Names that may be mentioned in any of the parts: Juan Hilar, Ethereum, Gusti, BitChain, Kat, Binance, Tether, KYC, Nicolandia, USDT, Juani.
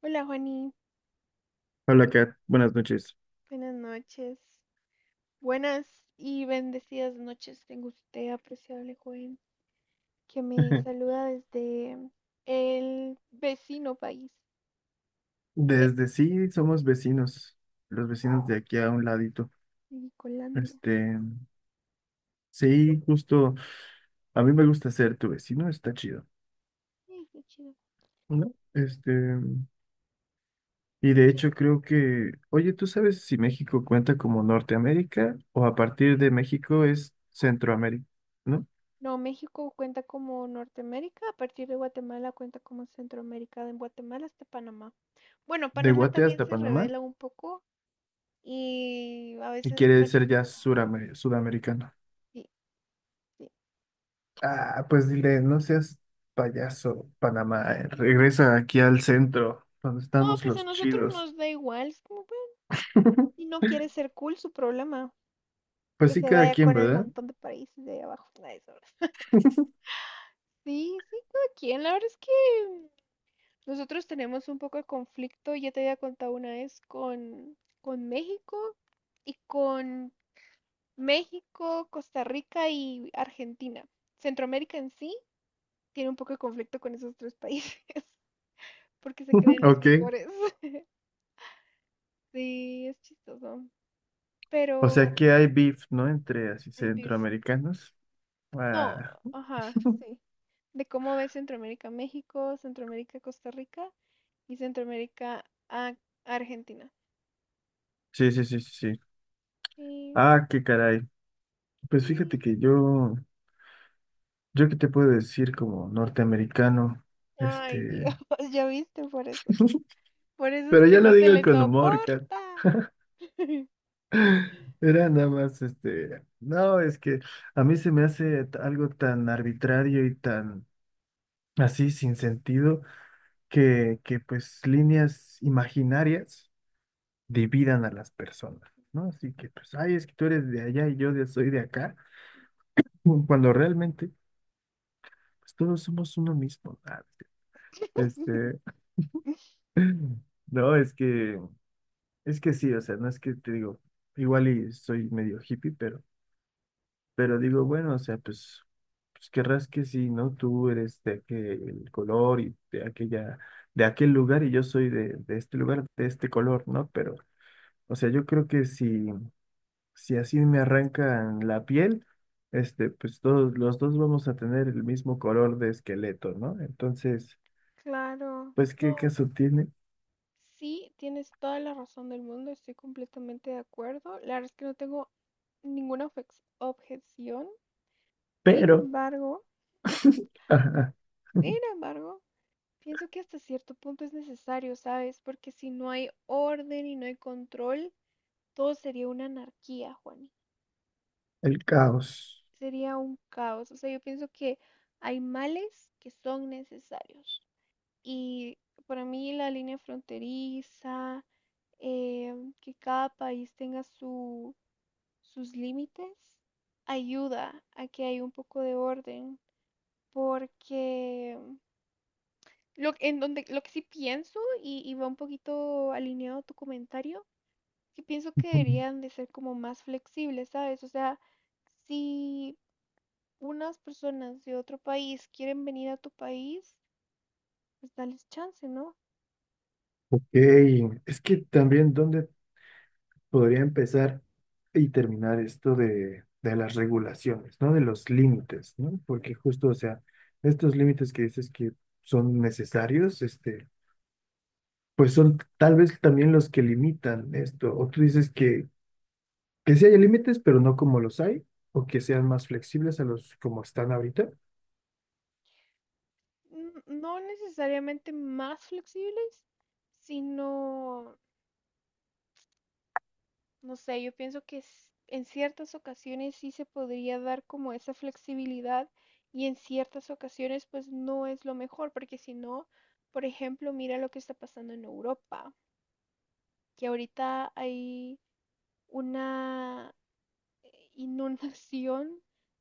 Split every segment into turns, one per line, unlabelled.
Hola Juani,
Hola, Kat. Buenas noches.
buenas noches. Buenas y bendecidas noches tengo usted, apreciable joven, que me saluda desde el vecino país de
Desde sí, somos vecinos, los vecinos de aquí a un ladito.
Nicolandia.
Este, sí, justo, a mí me gusta ser tu vecino, está chido,
Qué chido.
¿no? Y de
Entonces,
hecho creo que, oye, ¿tú sabes si México cuenta como Norteamérica o a partir
sí.
de México es Centroamérica, ¿no?
No, México cuenta como Norteamérica, a partir de Guatemala cuenta como Centroamérica, de Guatemala hasta Panamá. Bueno,
De
Panamá
Guate
también
hasta
se
Panamá
revela un poco y a
y
veces
quiere ser ya
Panamá,
sudamericano.
sí,
Ah, pues dile, no seas payaso, Panamá.
sí.
Regresa aquí al centro, donde
No,
estamos
pues a
los
nosotros
chidos.
nos da igual. Es como, bueno, si no quiere ser cool, su problema.
Pues
Que
sí,
se
cada
vaya
quien,
con el
¿verdad?
montón de países de ahí abajo. Nada de eso. Sí, sí, cada quien. La verdad es que nosotros tenemos un poco de conflicto. Ya te había contado una vez con México y con México, Costa Rica y Argentina. Centroamérica en sí tiene un poco de conflicto con esos tres países porque se creen los
Ok.
mejores. Sí, es chistoso.
¿O sea
Pero
que hay beef, ¿no? Entre así
hay beef.
centroamericanos.
No,
Ah,
ajá, sí. De cómo ves Centroamérica, México, Centroamérica, Costa Rica y Centroamérica a Argentina.
sí, sí, sí, sí, sí.
Sí,
Ah, qué caray. Pues fíjate
sí, de
que
pronto.
yo qué te puedo decir como norteamericano,
Ay, Dios,
este,
ya viste por eso. Por eso es
pero
que
ya
no
lo
se
digo
le
con humor, Kat.
soporta.
Era nada más, no, es que a mí se me hace algo tan arbitrario y tan así sin sentido que pues líneas imaginarias dividan a las personas, ¿no? Así que pues, ay, es que tú eres de allá y soy de acá, cuando realmente pues todos somos uno mismo. Este, no, es que sí, o sea, no es que te digo, igual y soy medio hippie, pero digo, bueno, o sea, pues, pues querrás que sí, ¿no? Tú eres de aquel color y de aquella, de aquel lugar y yo soy de este lugar, de este color, ¿no? Pero, o sea, yo creo que si, si así me arrancan la piel, pues todos, los dos vamos a tener el mismo color de esqueleto, ¿no? Entonces,
Claro,
pues, ¿qué
no.
caso tiene?
Sí, tienes toda la razón del mundo, estoy completamente de acuerdo. La verdad es que no tengo ninguna objeción. Sin
Pero,
embargo,
ajá,
sin embargo, pienso que hasta cierto punto es necesario, ¿sabes? Porque si no hay orden y no hay control, todo sería una anarquía, Juani.
el caos.
Sería un caos. O sea, yo pienso que hay males que son necesarios. Y para mí la línea fronteriza, eh, que cada país tenga sus límites, ayuda a que haya un poco de orden. Porque lo que sí pienso, y va un poquito alineado a tu comentario, que pienso que
Ujú.
deberían de ser como más flexibles, ¿sabes? O sea, si unas personas de otro país quieren venir a tu país, pues dales chance, ¿no?
Ok, es que también, ¿dónde podría empezar y terminar esto de las regulaciones, ¿no? De los límites, ¿no? Porque justo, o sea, estos límites que dices que son necesarios, pues son tal vez también los que limitan esto. O tú dices que sí hay límites, pero no como los hay, o que sean más flexibles a los como están ahorita.
No necesariamente más flexibles, sino, no sé, yo pienso que en ciertas ocasiones sí se podría dar como esa flexibilidad y en ciertas ocasiones pues no es lo mejor, porque si no, por ejemplo, mira lo que está pasando en Europa, que ahorita hay una inundación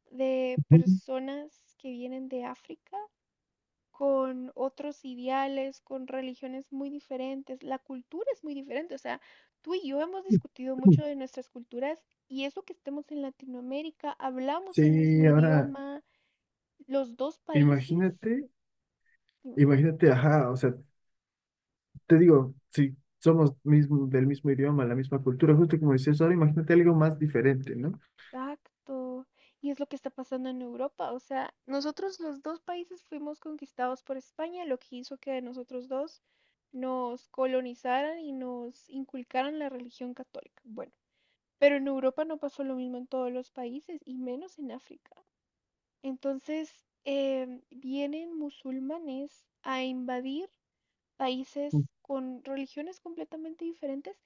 de
Ujú.
personas que vienen de África con otros ideales, con religiones muy diferentes. La cultura es muy diferente. O sea, tú y yo hemos discutido mucho de nuestras culturas y eso que estemos en Latinoamérica, hablamos el mismo
Sí, ahora
idioma, los dos países.
imagínate, imagínate, ajá, o sea, te digo, si somos mismo, del mismo idioma, la misma cultura, justo como decías ahora, imagínate algo más diferente, ¿no?
Exacto. Y es lo que está pasando en Europa. O sea, nosotros los dos países fuimos conquistados por España, lo que hizo que a nosotros dos nos colonizaran y nos inculcaran la religión católica. Bueno, pero en Europa no pasó lo mismo en todos los países y menos en África. Entonces, vienen musulmanes a invadir países con religiones completamente diferentes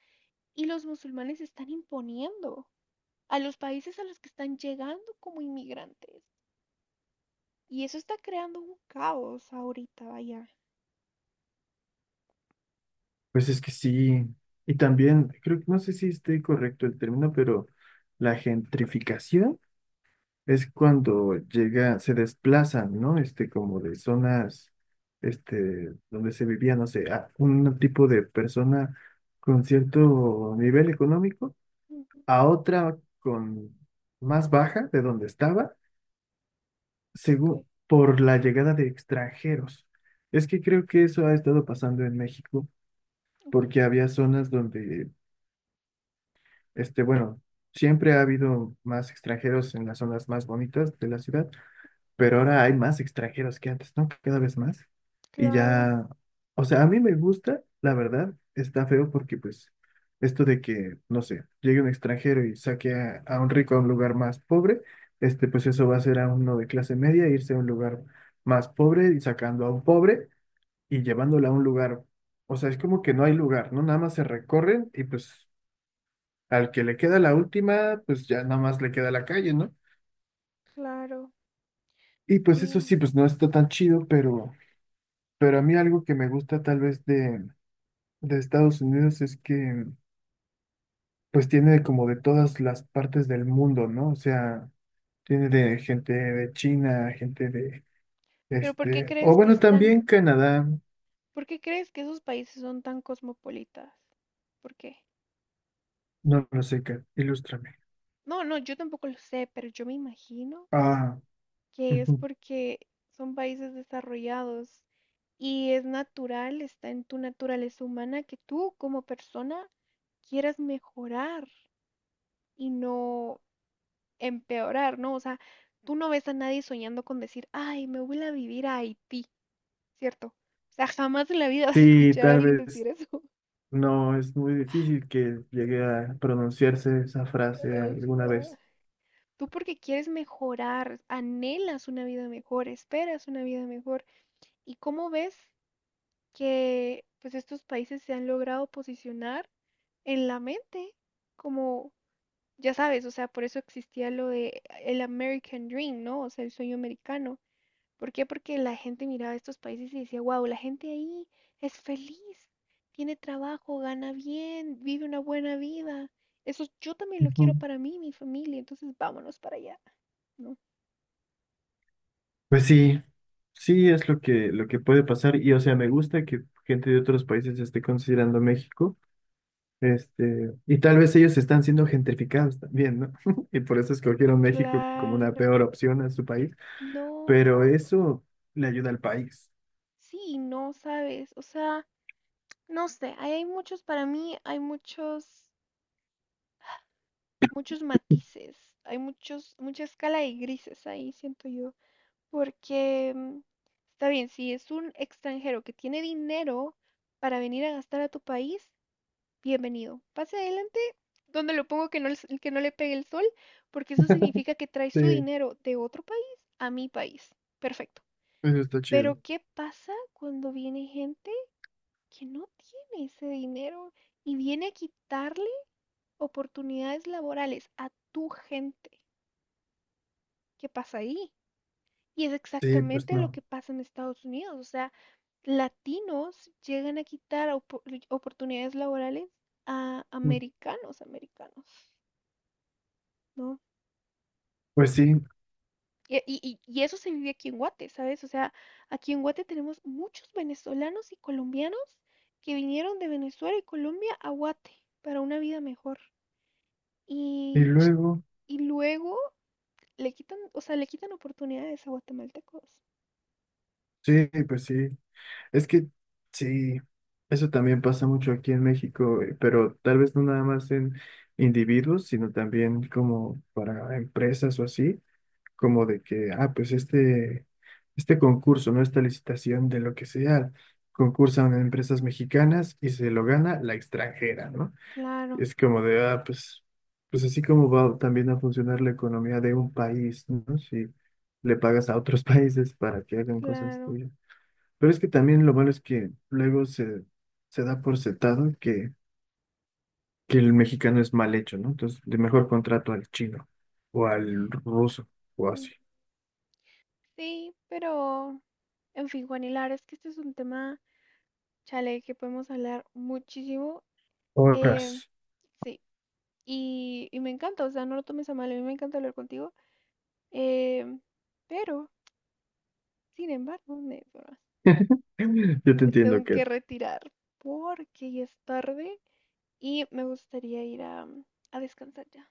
y los musulmanes se están imponiendo a los países a los que están llegando como inmigrantes. Y eso está creando un caos ahorita, vaya.
Pues es que sí, y también, creo que no sé si estoy correcto el término, pero la gentrificación es cuando llega, se desplazan, ¿no? Como de zonas, donde se vivía, no sé, a un tipo de persona con cierto nivel económico
Ujú,
a otra con más baja de donde estaba
ok,
según por la llegada de extranjeros. Es que creo que eso ha estado pasando en México
ok.
porque había zonas donde, bueno, siempre ha habido más extranjeros en las zonas más bonitas de la ciudad, pero ahora hay más extranjeros que antes, ¿no? Cada vez más. Y
Claro,
ya, o sea, a mí me gusta, la verdad, está feo porque pues esto de que, no sé, llegue un extranjero y saque a un rico a un lugar más pobre, pues eso va a ser a uno de clase media, irse a un lugar más pobre y sacando a un pobre y llevándolo a un lugar, o sea, es como que no hay lugar, ¿no? Nada más se recorren y pues al que le queda la última, pues ya nada más le queda la calle, ¿no?
claro.
Y pues eso sí,
Sí.
pues no está tan chido, pero... Pero a mí algo que me gusta tal vez de Estados Unidos es que pues tiene como de todas las partes del mundo, ¿no? O sea, tiene de gente de China, gente de
Pero ¿por qué
o
crees que
bueno,
están,
también Canadá,
por qué crees que esos países son tan cosmopolitas? ¿Por qué?
no lo sé, Kat, ilústrame.
No, no, yo tampoco lo sé, pero yo me imagino
Ah,
que es
ujú.
porque son países desarrollados y es natural, está en tu naturaleza humana que tú como persona quieras mejorar, y no empeorar, ¿no? O sea, tú no ves a nadie soñando con decir, ay, me voy a vivir a Haití, ¿cierto? O sea, jamás en la vida vas a
Sí,
escuchar a
tal
alguien decir
vez
eso.
no, es muy difícil que llegue a pronunciarse esa frase alguna vez.
Ajá. Tú porque quieres mejorar, anhelas una vida mejor, esperas una vida mejor. ¿Y cómo ves que pues estos países se han logrado posicionar en la mente como, ya sabes, o sea, por eso existía lo de el American Dream, ¿no? O sea, el sueño americano. ¿Por qué? Porque la gente miraba estos países y decía, wow, la gente ahí es feliz, tiene trabajo, gana bien, vive una buena vida. Eso yo también lo quiero para mí, mi familia, entonces vámonos para allá, ¿no?
Pues sí, sí es lo lo que puede pasar y o sea, me gusta que gente de otros países esté considerando México, y tal vez ellos están siendo gentrificados también, ¿no? Y por eso escogieron México como una
Claro,
peor opción a su país,
no,
pero eso le ayuda al país.
sí, no sabes, o sea, no sé, ahí hay muchos, para mí hay muchos matices, hay muchos, mucha escala de grises ahí, siento yo, porque está bien, si es un extranjero que tiene dinero para venir a gastar a tu país, bienvenido. Pase adelante, donde lo pongo que no, que no le pegue el sol, porque eso significa que trae su
Sí,
dinero de otro país a mi país. Perfecto.
eso está chido.
Pero ¿qué pasa cuando viene gente que no tiene ese dinero y viene a quitarle oportunidades laborales a tu gente? ¿Qué pasa ahí? Y es
Sí, pues
exactamente lo
no.
que pasa en Estados Unidos. O sea, latinos llegan a quitar oportunidades laborales a
Mm,
americanos, ¿no?
pues sí,
Y eso se vive aquí en Guate, ¿sabes? O sea, aquí en Guate tenemos muchos venezolanos y colombianos que vinieron de Venezuela y Colombia a Guate para una vida mejor.
y
Y, ch-
luego,
y luego le quitan, o sea, le quitan oportunidades a guatemaltecos.
sí, pues sí. Es que sí, eso también pasa mucho aquí en México, pero tal vez no nada más en individuos, sino también como para empresas o así, como de que, ah, pues este concurso, ¿no? Esta licitación de lo que sea, concursan empresas mexicanas y se lo gana la extranjera, ¿no?
Claro,
Es como de, ah, pues, pues así como va también a funcionar la economía de un país, ¿no? Si le pagas a otros países para que hagan cosas
claro.
tuyas. Pero es que también lo malo es que luego se da por sentado que el mexicano es mal hecho, ¿no? Entonces, de mejor contrato al chino o al ruso o así.
Sí, pero en fin, Juan Hilar, es que este es un tema, chale, que podemos hablar muchísimo. eh,
Horas.
sí, y me encanta, o sea, no lo tomes a mal, a mí me encanta hablar contigo. eh, pero, Sin embargo,
Yo te
me
entiendo,
tengo que
Kat.
retirar porque ya es tarde y me gustaría ir a descansar ya.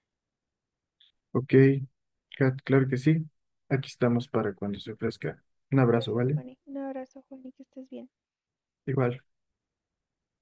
Ok,
¿Sí?
Kat, claro que sí. Aquí estamos para cuando se ofrezca. Un abrazo,
Gracias,
¿vale?
Juani. Un abrazo, Juani, que estés bien.
Igual.